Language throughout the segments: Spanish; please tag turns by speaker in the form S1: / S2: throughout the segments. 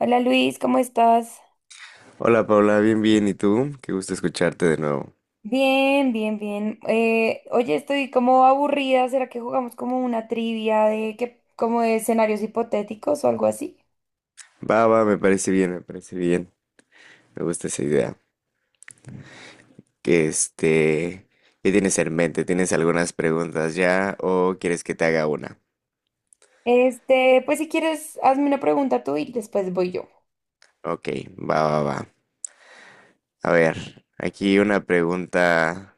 S1: Hola Luis, ¿cómo estás?
S2: Hola Paula, bien, bien. ¿Y tú? Qué gusto escucharte de nuevo.
S1: Bien, bien, bien. Oye, estoy como aburrida. ¿Será que jugamos como una trivia de que, como de escenarios hipotéticos o algo así?
S2: Va, va, me parece bien, me parece bien. Me gusta esa idea. Que este, ¿Qué tienes en mente? ¿Tienes algunas preguntas ya o quieres que te haga una?
S1: Pues si quieres, hazme una pregunta tú y después voy yo.
S2: Ok, va, va, va. A ver, aquí una pregunta.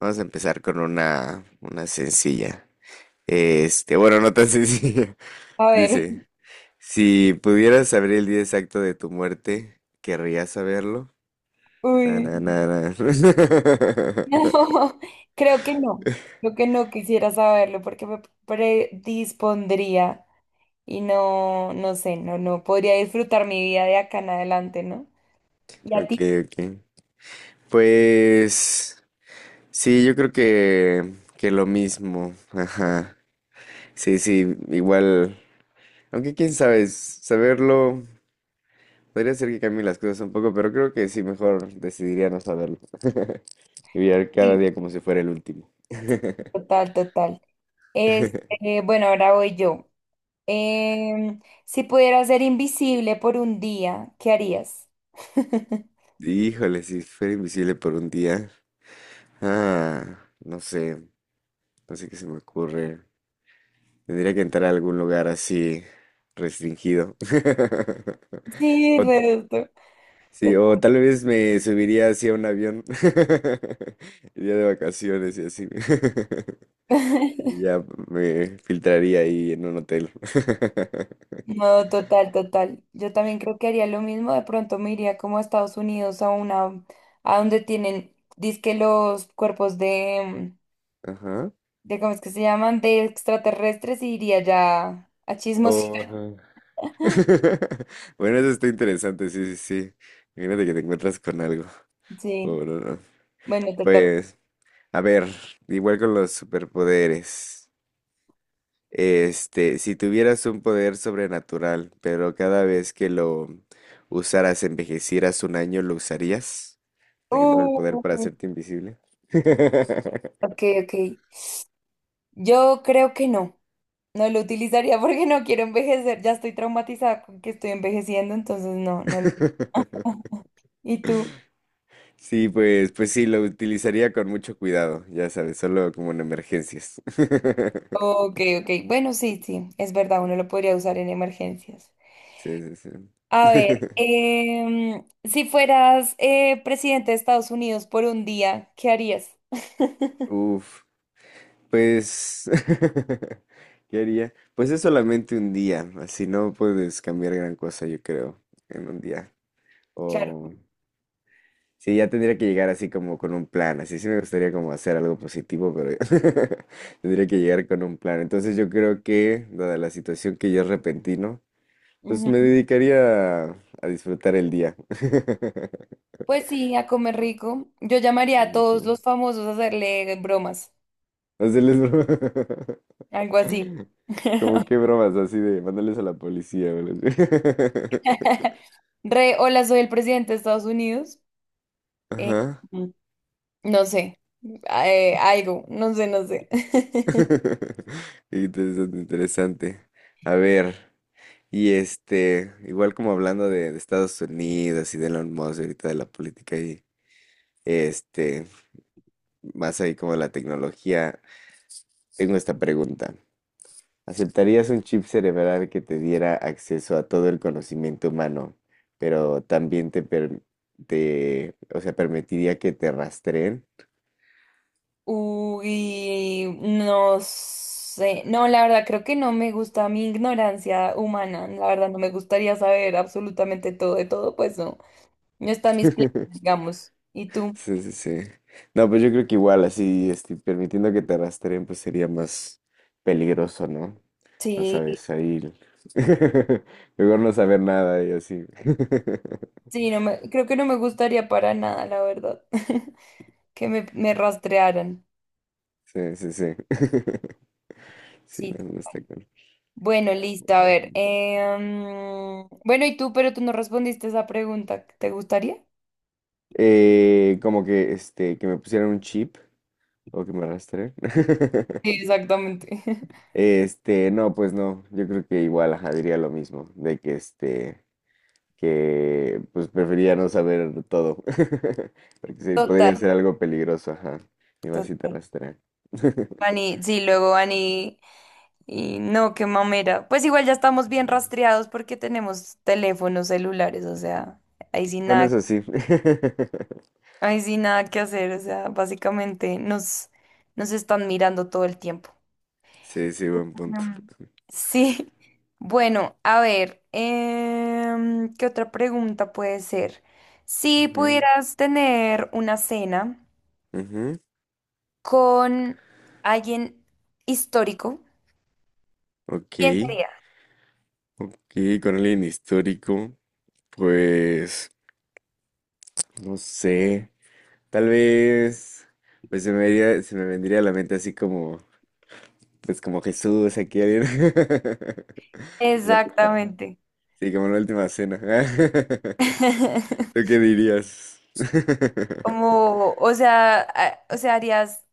S2: Vamos a empezar con una sencilla. Bueno, no tan sencilla.
S1: A ver.
S2: Dice, si pudieras saber el día exacto de tu muerte, ¿querrías saberlo?
S1: Uy.
S2: Tananana.
S1: No, creo que no. Creo que no quisiera saberlo porque me predispondría y no sé, no podría disfrutar mi vida de acá en adelante, ¿no? ¿Y a
S2: Ok,
S1: ti?
S2: ok. Pues sí, yo creo que, lo mismo. Ajá. Sí, sí, igual. Aunque quién sabe, saberlo podría ser que cambie las cosas un poco, pero creo que sí, mejor decidiría no saberlo. Vivir
S1: Sí,
S2: cada día como si fuera el último.
S1: total, total. Bueno, ahora voy yo. Si pudieras ser invisible por un día, ¿qué harías?
S2: Híjole, si fuera invisible por un día. Ah, no sé, no sé qué se me ocurre. Tendría que entrar a algún lugar así restringido.
S1: Sí,
S2: O
S1: resto.
S2: sí,
S1: Yo-
S2: o tal vez me subiría así a un avión. Iría de vacaciones y así. Y ya me filtraría ahí en un hotel.
S1: No, total, total. Yo también creo que haría lo mismo. De pronto me iría como a Estados Unidos a a donde tienen, dizque los cuerpos de,
S2: Ajá.
S1: de, ¿cómo es que se llaman? De extraterrestres y iría ya a chismos.
S2: O, ajá. Bueno, eso está interesante, sí, sí, sí. Imagínate que te encuentras con algo.
S1: Sí,
S2: O no, no.
S1: bueno, te toca.
S2: Pues, a ver, igual con los superpoderes. Si tuvieras un poder sobrenatural, pero cada vez que lo usaras, envejecieras un año, ¿lo usarías? Por ejemplo, el poder para
S1: Uh,
S2: hacerte invisible.
S1: ok, ok. Yo creo que no. No lo utilizaría porque no quiero envejecer, ya estoy traumatizada con que estoy envejeciendo, entonces no, no lo... ¿Y tú?
S2: Sí, pues, pues sí, lo utilizaría con mucho cuidado, ya sabes, solo como en emergencias.
S1: Ok, ok, bueno, sí, sí, es verdad, uno lo podría usar en emergencias.
S2: Sí, sí, sí.
S1: A ver, si fueras presidente de Estados Unidos por un día, ¿qué harías?
S2: Uf, pues, ¿qué haría? Pues es solamente un día, así no puedes cambiar gran cosa, yo creo, en un día.
S1: Claro.
S2: O sí, ya tendría que llegar así como con un plan. Así sí me gustaría como hacer algo positivo, pero tendría que llegar con un plan. Entonces yo creo que, dada la situación que ya es repentino, pues me
S1: Ujú.
S2: dedicaría a disfrutar el día.
S1: Pues sí, a comer rico. Yo llamaría a
S2: No
S1: todos
S2: sé.
S1: los famosos a hacerle bromas,
S2: Hacerles bromas.
S1: algo así.
S2: Como qué bromas así de mandarles a la policía o algo así.
S1: Re, hola, soy el presidente de Estados Unidos. Eh,
S2: Ajá.
S1: No sé, algo, no sé, no sé.
S2: Interesante, interesante. A ver. Y igual como hablando de Estados Unidos y de Elon Musk, ahorita de la política y este, más ahí como de la tecnología, tengo esta pregunta. ¿Aceptarías un chip cerebral que te diera acceso a todo el conocimiento humano, pero también o sea, permitiría que te rastreen?
S1: Uy, no sé. No, la verdad, creo que no me gusta mi ignorancia humana. La verdad, no me gustaría saber absolutamente todo de todo, pues no. No están mis planes, digamos. ¿Y tú?
S2: Sí, sí, sí. No, pues yo creo que igual así, permitiendo que te rastreen, pues sería más peligroso, ¿no? No
S1: Sí,
S2: sabes, mejor no saber nada y así.
S1: sí, creo que no me gustaría para nada, la verdad, que me rastrearan.
S2: Sí, sí, sí. Sí,
S1: Sí,
S2: no, no está
S1: total.
S2: cool.
S1: Bueno, listo, a
S2: Ujú.
S1: ver. Bueno, ¿y tú? Pero tú no respondiste esa pregunta. ¿Te gustaría?
S2: Como que, que me pusieran un chip o que me rastreen.
S1: Sí, exactamente.
S2: No, pues no. Yo creo que igual, ajá, diría lo mismo, de que este. Que pues prefería no saber todo, porque sí,
S1: Total,
S2: podría ser algo peligroso, ajá, y más si te
S1: total.
S2: rastrean.
S1: Ani, sí, luego Ani, y no, qué mamera. Pues igual ya estamos bien rastreados porque tenemos teléfonos celulares, o sea, ahí sí
S2: Bueno,
S1: nada,
S2: eso sí.
S1: ahí sí nada que hacer, o sea, básicamente nos están mirando todo el tiempo.
S2: Sí, sí, buen punto.
S1: Mm. Sí, bueno, a ver, ¿qué otra pregunta puede ser? Si
S2: Ujú,
S1: pudieras tener una cena
S2: ujú.
S1: con alguien histórico,
S2: Ok,
S1: ¿quién sería?
S2: ok, con alguien histórico, pues, no sé, tal vez, pues se me vendría a la mente así como, pues como Jesús, aquí alguien. Ya,
S1: Exactamente.
S2: sí, como la última cena. ¿Tú qué dirías?
S1: Como, o sea, o sea,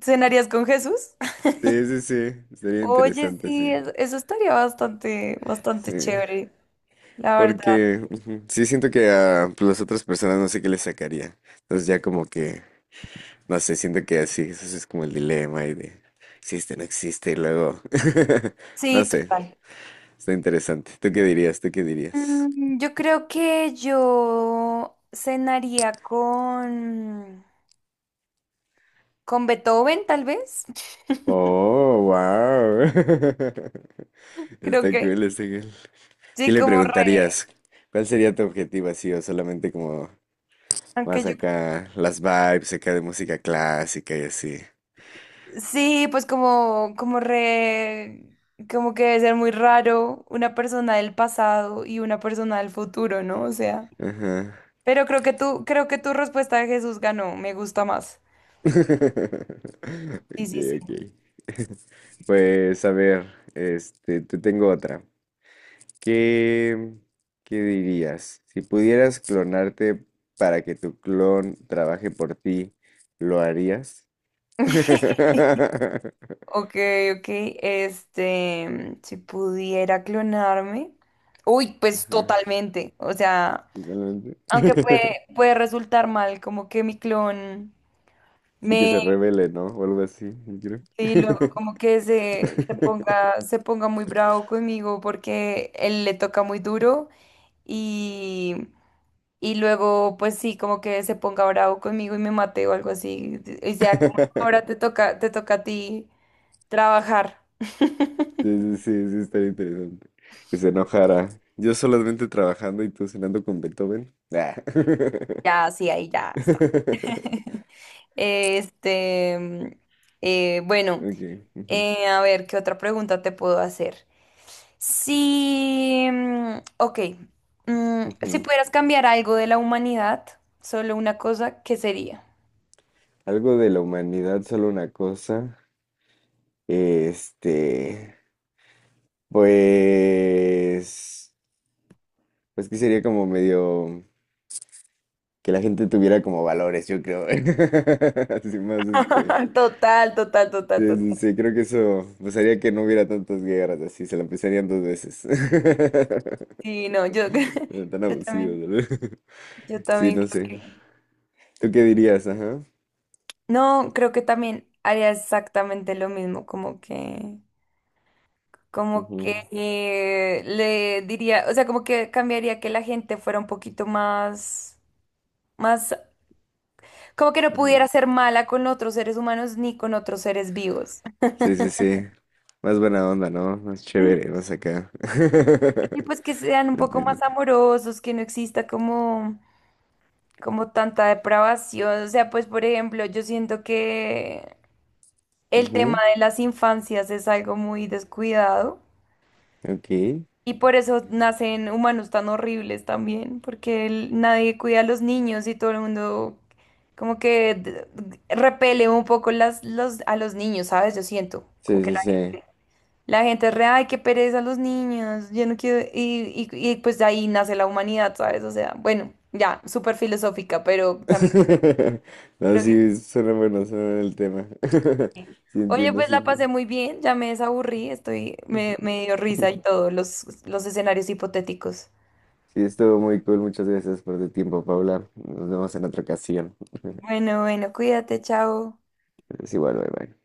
S1: ¿cenarías con Jesús?
S2: Sí, sí, sí. Sería
S1: Oye,
S2: interesante,
S1: sí,
S2: sí.
S1: eso estaría bastante, bastante
S2: Sí.
S1: chévere, la verdad.
S2: Porque ujú, sí siento que a pues, las otras personas no sé qué les sacaría. Entonces ya como que, no sé, siento que así, eso sí es como el dilema y de existe, no existe, y luego, no
S1: Sí,
S2: sé,
S1: total.
S2: está interesante. ¿Tú qué dirías? ¿Tú qué dirías?
S1: Mm, yo creo que yo cenaría con Beethoven, tal vez.
S2: Oh, wow.
S1: Creo
S2: Está
S1: que
S2: cool, está cool. ¿Qué
S1: sí,
S2: le
S1: como re,
S2: preguntarías? ¿Cuál sería tu objetivo así o solamente como
S1: aunque
S2: más
S1: yo.
S2: acá las vibes acá de música clásica y así?
S1: Sí, pues como, como re, como que debe ser muy raro una persona del pasado y una persona del futuro, ¿no? O sea,
S2: Ajá.
S1: pero creo que creo que tu respuesta de Jesús ganó, me gusta más. Sí,
S2: Ok,
S1: sí, sí.
S2: ok. Pues a ver, te tengo otra. ¿Qué, ¿qué dirías? Si pudieras clonarte para que tu clon trabaje por ti, ¿lo harías?
S1: Ok, ok, este, si pudiera clonarme. Uy, pues
S2: Ajá,
S1: totalmente. O sea,
S2: totalmente.
S1: aunque puede resultar mal, como que mi clon
S2: Sí que
S1: me.
S2: se revele, ¿no? O algo así, yo creo.
S1: Sí, luego como que se ponga muy bravo conmigo porque él le toca muy duro y, y luego pues sí, como que se ponga bravo conmigo y me mate o algo así. Y sea como ahora te toca a ti trabajar.
S2: Sí, sí, sí, sí, estaría interesante. Que se enojara. Yo solamente trabajando y tú cenando con Beethoven. Ah.
S1: Ya, sí, ahí ya está. Este, mm, bueno,
S2: Okay. Ujú,
S1: a ver, ¿qué otra pregunta te puedo hacer? Si, ok, mm, si
S2: ujú.
S1: pudieras cambiar algo de la humanidad, solo una cosa, ¿qué sería?
S2: Algo de la humanidad, solo una cosa. Este, pues, pues que sería como medio que la gente tuviera como valores, yo creo. Así más, este.
S1: Total, total, total,
S2: Sí,
S1: total.
S2: sí, sí, creo que eso pasaría que no hubiera tantas guerras así, se la empezarían dos veces.
S1: Sí, no, yo,
S2: Pero tan
S1: yo también,
S2: abusivos, ¿verdad?
S1: yo
S2: Sí,
S1: también
S2: no
S1: creo
S2: sé.
S1: que...
S2: ¿Tú qué dirías? Ajá.
S1: No, creo que también haría exactamente lo mismo, como que
S2: Ujú,
S1: le diría, o sea, como que cambiaría que la gente fuera un poquito más, más, como que no
S2: ujú.
S1: pudiera ser mala con otros seres humanos ni con otros seres vivos.
S2: Sí, sí, sí. Más buena onda, ¿no? Más chévere, más acá.
S1: Y pues que sean un poco
S2: Entiendo.
S1: más amorosos, que no exista como, como tanta depravación. O sea, pues por ejemplo, yo siento que el tema
S2: Ujú,
S1: de las infancias es algo muy descuidado
S2: ok.
S1: y por eso nacen humanos tan horribles también, porque nadie cuida a los niños y todo el mundo como que repele un poco a los niños, ¿sabes? Yo siento.
S2: Sí, sí, sí.
S1: La gente es re, ay, qué pereza los niños, yo no quiero, y pues de ahí nace la humanidad, ¿sabes? O sea, bueno, ya, súper filosófica, pero también
S2: No,
S1: creo que...
S2: sí, suena bueno el tema.
S1: sí.
S2: Sí,
S1: Oye,
S2: entiendo,
S1: pues
S2: sí.
S1: la pasé
S2: Entiendo.
S1: muy bien, ya me desaburrí, estoy,
S2: Ujú.
S1: me dio risa y todo, los escenarios hipotéticos.
S2: Sí, estuvo muy cool. Muchas gracias por tu tiempo, Paula. Nos vemos en otra ocasión.
S1: Bueno, bueno, cuídate, chao.
S2: Es igual, bye bye.